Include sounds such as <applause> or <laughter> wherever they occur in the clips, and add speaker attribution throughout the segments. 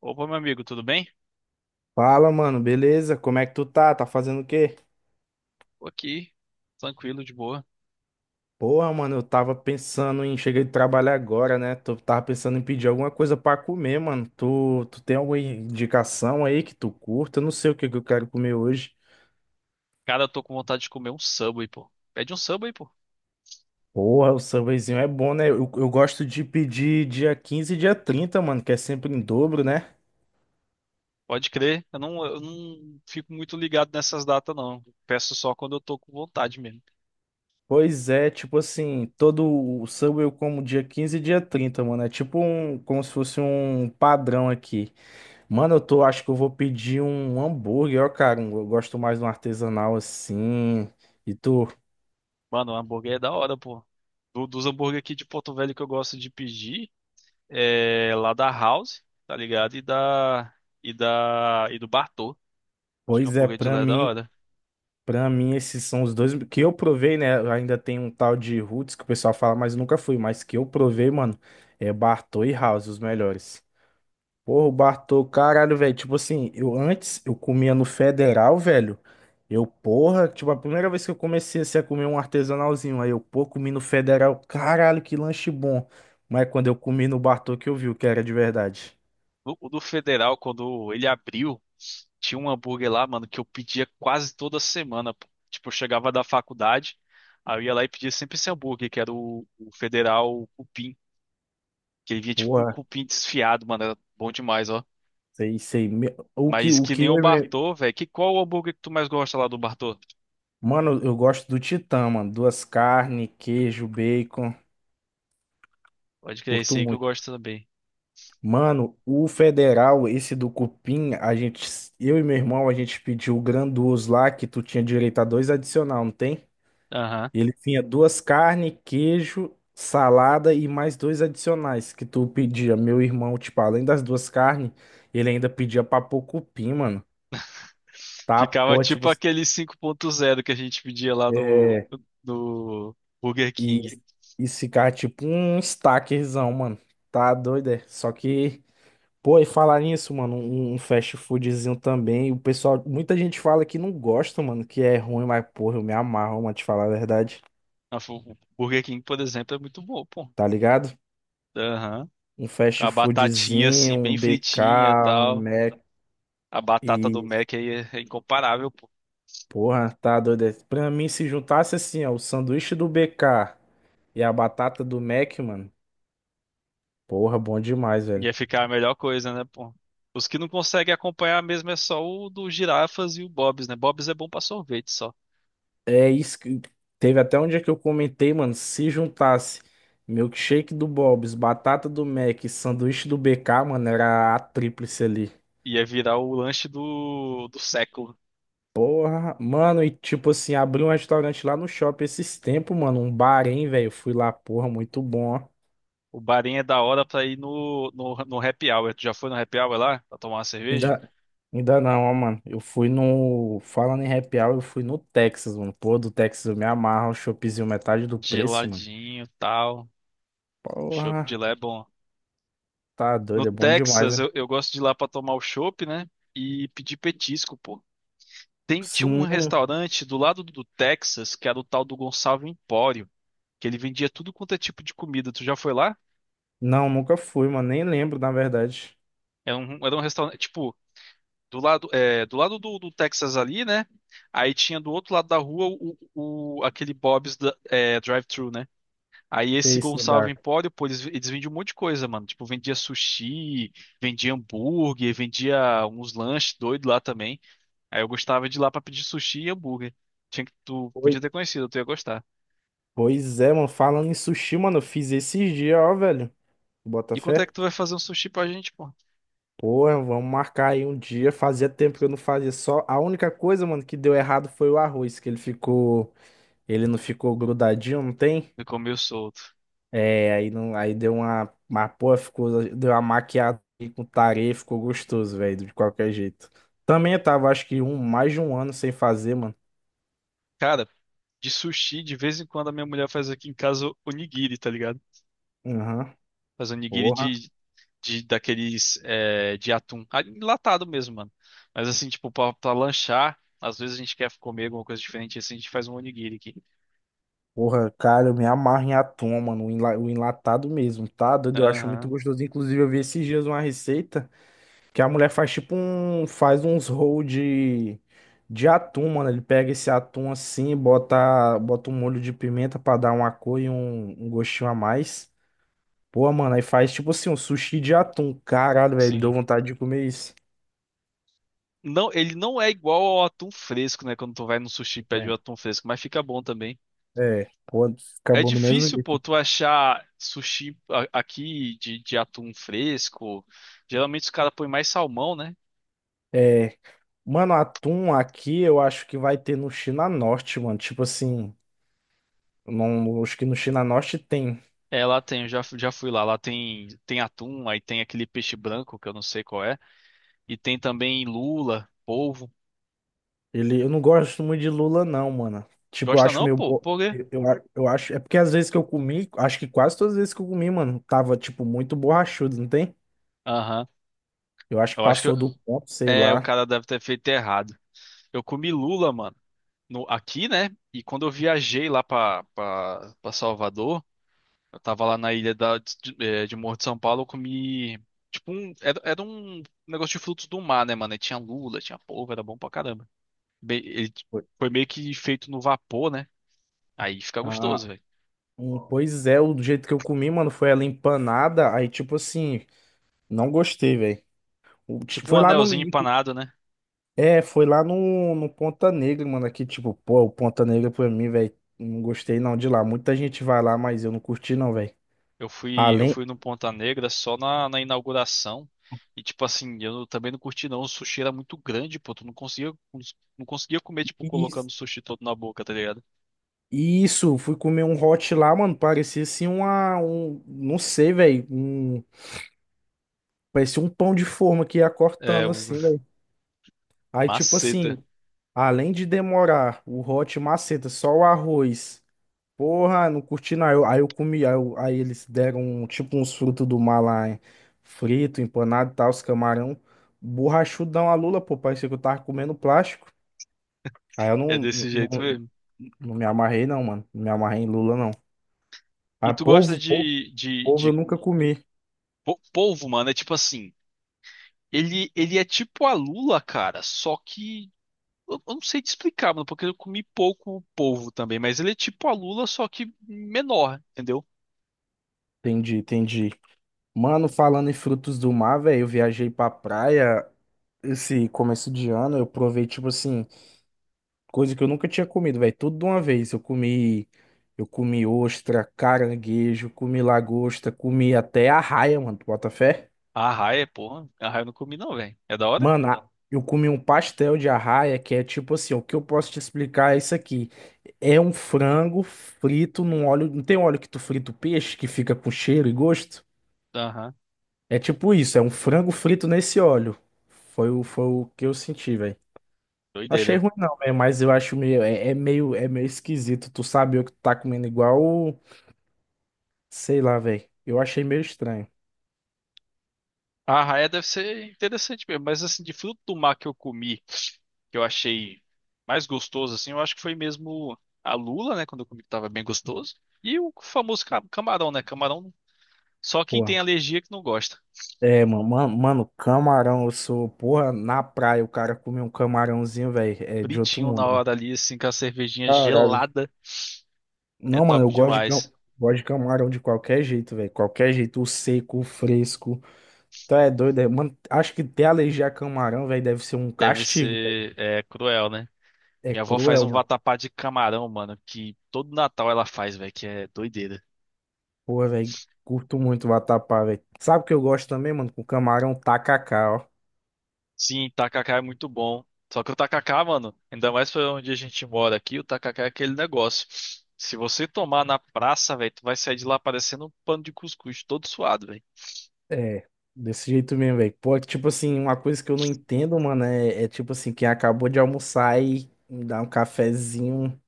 Speaker 1: Opa, meu amigo, tudo bem?
Speaker 2: Fala, mano, beleza? Como é que tu tá? Tá fazendo o quê?
Speaker 1: Tô aqui, tranquilo, de boa.
Speaker 2: Porra, mano, eu tava pensando em. Cheguei de trabalhar agora, né? Tu tava pensando em pedir alguma coisa pra comer, mano. Tu tem alguma indicação aí que tu curta? Eu não sei o que que eu quero comer hoje.
Speaker 1: Cara, eu tô com vontade de comer um Subway, pô. Pede um Subway, pô.
Speaker 2: Porra, o sambazinho é bom, né? Eu gosto de pedir dia 15 e dia 30, mano, que é sempre em dobro, né?
Speaker 1: Pode crer. Eu não fico muito ligado nessas datas, não. Peço só quando eu tô com vontade mesmo.
Speaker 2: Pois é, tipo assim, todo o samba eu como dia 15 e dia 30, mano. É tipo um, como se fosse um padrão aqui. Mano, eu tô, acho que eu vou pedir um hambúrguer, ó, cara. Eu gosto mais de um artesanal assim. E tu?
Speaker 1: Mano, o hambúrguer é da hora, pô. Dos hambúrguer aqui de Porto Velho que eu gosto de pedir, é lá da House, tá ligado? E da, e do Bartô. Acho que o
Speaker 2: Pois é,
Speaker 1: hambúrguer de lá é da hora.
Speaker 2: pra mim esses são os dois que eu provei, né? Ainda tem um tal de Roots que o pessoal fala, mas nunca fui, mas que eu provei, mano, é Bartô e House, os melhores. Porra, o Bartô, caralho, velho. Tipo assim, eu antes eu comia no Federal, velho. Eu, porra, tipo, a primeira vez que eu comecei assim, a comer um artesanalzinho. Aí eu, pô, comi no Federal. Caralho, que lanche bom. Mas quando eu comi no Bartô que eu vi o que era de verdade.
Speaker 1: O do Federal, quando ele abriu, tinha um hambúrguer lá, mano, que eu pedia quase toda semana, pô. Tipo, eu chegava da faculdade, aí eu ia lá e pedia sempre esse hambúrguer, que era o Federal Cupim. Que ele vinha tipo com um
Speaker 2: Porra,
Speaker 1: cupim desfiado, mano. Era bom demais, ó.
Speaker 2: sei, sei. Me- O que,
Speaker 1: Mas
Speaker 2: o
Speaker 1: que
Speaker 2: que.
Speaker 1: nem o Bartô, velho. Que qual o hambúrguer que tu mais gosta lá do Bartô?
Speaker 2: Mano, eu gosto do Titã, mano. Duas carnes, queijo, bacon.
Speaker 1: Pode crer, esse
Speaker 2: Curto
Speaker 1: aí que eu
Speaker 2: muito.
Speaker 1: gosto também.
Speaker 2: Mano, o federal, esse do cupim, a gente, eu e meu irmão, a gente pediu o grandioso lá que tu tinha direito a dois adicional, não tem?
Speaker 1: Aham.
Speaker 2: Ele tinha duas carnes, queijo, salada e mais dois adicionais que tu pedia. Meu irmão, tipo, além das duas carnes, ele ainda pedia pra pôr cupim, mano. Tá,
Speaker 1: Ficava
Speaker 2: pô, tipo,
Speaker 1: tipo aquele cinco ponto zero que a gente pedia lá no,
Speaker 2: é,
Speaker 1: no Burger
Speaker 2: e,
Speaker 1: King.
Speaker 2: e ficar tipo um stackerzão, mano. Tá doido, é? Só que Pô, e falar nisso, mano, um fast foodzinho também. O pessoal, muita gente fala que não gosta, mano, que é ruim, mas porra, eu me amarro, mano, te falar a verdade.
Speaker 1: O Burger King, por exemplo, é muito bom, pô.
Speaker 2: Tá ligado?
Speaker 1: Aham.
Speaker 2: Um
Speaker 1: Com
Speaker 2: fast
Speaker 1: a batatinha
Speaker 2: foodzinho,
Speaker 1: assim,
Speaker 2: um
Speaker 1: bem fritinha e
Speaker 2: BK, um
Speaker 1: tal.
Speaker 2: Mac
Speaker 1: A batata do
Speaker 2: e
Speaker 1: Mac aí é incomparável, pô.
Speaker 2: porra, tá doido. É, Pra mim, se juntasse assim, ó, o sanduíche do BK e a batata do Mac, mano, porra, bom demais, velho.
Speaker 1: Ia ficar a melhor coisa, né, pô? Os que não conseguem acompanhar mesmo é só o do Girafas e o Bob's, né? Bob's é bom pra sorvete só.
Speaker 2: É isso que teve até um dia que eu comentei, mano, se juntasse milkshake do Bob's, batata do Mac, e sanduíche do BK, mano, era a tríplice ali.
Speaker 1: Ia virar o lanche do século.
Speaker 2: Porra, mano, e tipo assim, abri um restaurante lá no shopping esses tempos, mano, um bar, hein, velho, fui lá, porra, muito bom, ó.
Speaker 1: O barinho é da hora pra ir no happy hour. Tu já foi no happy hour lá? Pra tomar uma cerveja?
Speaker 2: Ainda, ainda não, ó, mano, eu fui no, falando em happy hour, eu fui no Texas, mano, pô, do Texas eu me amarro, um choppzinho metade do preço, mano.
Speaker 1: Geladinho, tal. Chopp de
Speaker 2: Porra,
Speaker 1: lá é bom.
Speaker 2: tá
Speaker 1: No
Speaker 2: doido, é bom demais,
Speaker 1: Texas,
Speaker 2: né?
Speaker 1: eu gosto de ir lá pra tomar o chopp, né? E pedir petisco, pô. Tem, tinha um
Speaker 2: Sim.
Speaker 1: restaurante do lado do Texas, que era o tal do Gonçalo Empório, que ele vendia tudo quanto é tipo de comida. Tu já foi lá?
Speaker 2: Não, nunca fui, mano. Nem lembro, na verdade,
Speaker 1: Era um restaurante, tipo, do lado, é, do lado do Texas ali, né? Aí tinha do outro lado da rua o, aquele Bob's é, drive-thru, né? Aí
Speaker 2: ter
Speaker 1: esse
Speaker 2: esse
Speaker 1: Gonçalo
Speaker 2: lugar.
Speaker 1: Empório, pô, eles vendiam um monte de coisa, mano. Tipo, vendia sushi, vendia hambúrguer, vendia uns lanches doidos lá também. Aí eu gostava de ir lá pra pedir sushi e hambúrguer. Tinha que, tu
Speaker 2: Oi.
Speaker 1: podia ter conhecido, tu ia gostar.
Speaker 2: Pois é, mano. Falando em sushi, mano, eu fiz esses dias, ó, velho. Bota
Speaker 1: E quando é
Speaker 2: fé.
Speaker 1: que tu vai fazer um sushi pra gente, pô?
Speaker 2: Porra, vamos marcar aí um dia. Fazia tempo que eu não fazia só. A única coisa, mano, que deu errado foi o arroz, que ele ficou. Ele não ficou grudadinho, não tem?
Speaker 1: Eu comi o solto.
Speaker 2: É, aí não. Aí deu uma. Mas, porra, ficou. Deu uma maquiada aí com tareia, ficou gostoso, velho, de qualquer jeito. Também eu tava, acho que um, mais de um ano sem fazer, mano.
Speaker 1: Cara, de sushi, de vez em quando a minha mulher faz aqui em casa onigiri, tá ligado?
Speaker 2: Aham.
Speaker 1: Faz onigiri
Speaker 2: Porra.
Speaker 1: de daqueles é, de atum. Ah, enlatado mesmo, mano. Mas assim, tipo, pra lanchar, às vezes a gente quer comer alguma coisa diferente, assim, a gente faz um onigiri aqui.
Speaker 2: Porra, cara, eu me amarro em atum, mano, o o enlatado mesmo, tá? Doido, eu acho muito
Speaker 1: Aham,
Speaker 2: gostoso. Inclusive, eu vi esses dias uma receita que a mulher faz tipo um, faz uns roll de atum, mano. Ele pega esse atum assim, bota, bota um molho de pimenta pra dar uma cor e um gostinho a mais. Pô, mano, aí faz tipo assim um sushi de atum. Caralho, velho, deu
Speaker 1: sim.
Speaker 2: vontade de comer isso.
Speaker 1: Não, ele não é igual ao atum fresco, né? Quando tu vai no sushi e pede o
Speaker 2: É,
Speaker 1: atum fresco, mas fica bom também.
Speaker 2: é, pô,
Speaker 1: É
Speaker 2: acabou no mesmo
Speaker 1: difícil, pô,
Speaker 2: jeito.
Speaker 1: tu achar sushi aqui de atum fresco. Geralmente os caras põem mais salmão, né?
Speaker 2: É, mano, atum aqui eu acho que vai ter no China Norte, mano. Tipo assim. Não, acho que no China Norte tem.
Speaker 1: É, lá tem, eu já, já fui lá. Lá tem, tem atum, aí tem aquele peixe branco, que eu não sei qual é. E tem também lula, polvo.
Speaker 2: Ele, eu não gosto muito de lula, não, mano. Tipo, eu
Speaker 1: Gosta
Speaker 2: acho
Speaker 1: não,
Speaker 2: meio.
Speaker 1: pô? Por quê?
Speaker 2: Eu acho. É porque às vezes que eu comi, acho que quase todas as vezes que eu comi, mano, tava, tipo, muito borrachudo, não tem?
Speaker 1: Aham.
Speaker 2: Eu acho que
Speaker 1: Eu acho que eu-
Speaker 2: passou do ponto, sei
Speaker 1: É, o
Speaker 2: lá.
Speaker 1: cara deve ter feito errado. Eu comi lula, mano, no, aqui, né? E quando eu viajei lá pra Salvador. Eu tava lá na ilha da, de, de Morro de São Paulo, eu comi. Tipo, um, era um negócio de frutos do mar, né, mano? E tinha lula, tinha polvo, era bom pra caramba. Bem,
Speaker 2: Foi.
Speaker 1: foi meio que feito no vapor, né? Aí fica gostoso,
Speaker 2: Ah,
Speaker 1: velho.
Speaker 2: pois é, o jeito que eu comi, mano, foi ela empanada. Aí, tipo assim, não gostei, velho.
Speaker 1: Tipo um
Speaker 2: Foi lá no.
Speaker 1: anelzinho empanado, né?
Speaker 2: É, foi lá no, no Ponta Negra, mano. Aqui, tipo, pô, o Ponta Negra pra mim, velho. Não gostei não de lá. Muita gente vai lá, mas eu não curti não, velho.
Speaker 1: Eu fui, eu
Speaker 2: Além.
Speaker 1: fui no Ponta Negra só na inauguração. E, tipo assim, eu não- também não curti, não. O sushi era muito grande, pô. Tu não conseguia, não conseguia comer, tipo, colocando o
Speaker 2: Is-
Speaker 1: sushi todo na boca, tá ligado?
Speaker 2: Isso, fui comer um hot lá, mano. Parecia assim uma. Um, não sei, velho. Um, parecia um pão de forma que ia
Speaker 1: É,
Speaker 2: cortando
Speaker 1: um-
Speaker 2: assim,
Speaker 1: <laughs>
Speaker 2: velho. Aí, tipo assim,
Speaker 1: maceta.
Speaker 2: além de demorar o hot maceta, só o arroz. Porra, não curti não. Aí eu comi, aí eles deram um, tipo uns frutos do mar lá, hein? Frito, empanado e tal, os camarão. Borrachudão a lula, pô. Parecia que eu tava comendo plástico. Aí eu
Speaker 1: É
Speaker 2: não,
Speaker 1: desse
Speaker 2: não,
Speaker 1: jeito
Speaker 2: não
Speaker 1: mesmo.
Speaker 2: não me amarrei, não, mano. Não me amarrei em lula, não.
Speaker 1: E
Speaker 2: Ah,
Speaker 1: tu gosta de, de,
Speaker 2: polvo
Speaker 1: de
Speaker 2: eu nunca comi.
Speaker 1: po- polvo, mano? É tipo assim, ele é tipo a lula, cara, só que eu não sei te explicar, mano, porque eu comi pouco polvo também, mas ele é tipo a lula, só que menor, entendeu?
Speaker 2: Entendi, entendi. Mano, falando em frutos do mar, velho, eu viajei pra praia esse começo de ano, eu provei, tipo assim, coisa que eu nunca tinha comido, velho, tudo de uma vez. Eu comi ostra, caranguejo, comi lagosta, comi até arraia, mano, tu bota fé?
Speaker 1: A arraia, porra, a arraia eu não comi não, velho. É da hora?
Speaker 2: Mano, eu comi um pastel de arraia, que é tipo assim, o que eu posso te explicar é isso aqui. É um frango frito num óleo, não tem óleo que tu frita o peixe, que fica com cheiro e gosto?
Speaker 1: Aham,
Speaker 2: É tipo isso, é um frango frito nesse óleo. Foi o que eu senti, velho. Achei
Speaker 1: doideira.
Speaker 2: ruim não, velho, mas eu acho meio é, é meio esquisito. Tu sabe o que tu tá comendo igual, sei lá, velho. Eu achei meio estranho.
Speaker 1: A arraia deve ser interessante mesmo, mas assim, de fruto do mar que eu comi, que eu achei mais gostoso, assim, eu acho que foi mesmo a lula, né, quando eu comi que tava bem gostoso. E o famoso camarão, né? Camarão só quem
Speaker 2: Porra.
Speaker 1: tem alergia que não gosta.
Speaker 2: É, mano, camarão, eu sou, porra, na praia o cara comer um camarãozinho, velho, é de outro
Speaker 1: Fritinho na
Speaker 2: mundo, mano.
Speaker 1: hora ali, assim, com a cervejinha
Speaker 2: Caralho.
Speaker 1: gelada, é
Speaker 2: Não, mano, eu
Speaker 1: top
Speaker 2: gosto de, cam...
Speaker 1: demais.
Speaker 2: gosto de camarão de qualquer jeito, velho. Qualquer jeito, o seco, o fresco. Tu é doido, é? Mano, acho que ter alergia a camarão, velho, deve ser um
Speaker 1: Deve
Speaker 2: castigo.
Speaker 1: ser, é, cruel, né?
Speaker 2: É
Speaker 1: Minha avó faz
Speaker 2: cruel,
Speaker 1: um
Speaker 2: mano.
Speaker 1: vatapá de camarão, mano, que todo Natal ela faz, velho, que é doideira.
Speaker 2: Pô velho. Curto muito o vatapá, velho. Sabe o que eu gosto também, mano? Com camarão tacacá, ó.
Speaker 1: Sim, tacacá é muito bom. Só que o tacacá, mano, ainda mais pra onde a gente mora aqui, o tacacá é aquele negócio. Se você tomar na praça, velho, tu vai sair de lá parecendo um pano de cuscuz, todo suado, velho.
Speaker 2: É, desse jeito mesmo, velho. Pô, é que, tipo assim, uma coisa que eu não entendo, mano, é, é tipo assim, quem acabou de almoçar e me dá um cafezinho.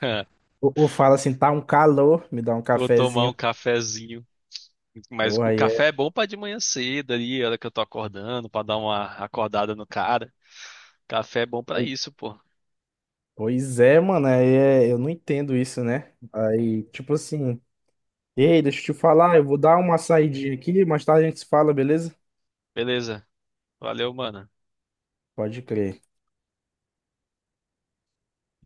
Speaker 1: <laughs>
Speaker 2: Ou fala assim, tá um calor, me dá um
Speaker 1: Vou tomar
Speaker 2: cafezinho.
Speaker 1: um cafezinho. Mas
Speaker 2: Pô
Speaker 1: o
Speaker 2: aí
Speaker 1: café
Speaker 2: é.
Speaker 1: é bom pra de manhã cedo ali, a hora que eu tô acordando, pra dar uma acordada no cara. Café é bom pra
Speaker 2: Oi-
Speaker 1: isso, pô.
Speaker 2: Pois é, mano, aí é, eu não entendo isso, né? Aí, tipo assim, ei, deixa eu te falar, eu vou dar uma saidinha aqui, mais tarde a gente se fala, beleza?
Speaker 1: Beleza. Valeu, mano.
Speaker 2: Pode crer.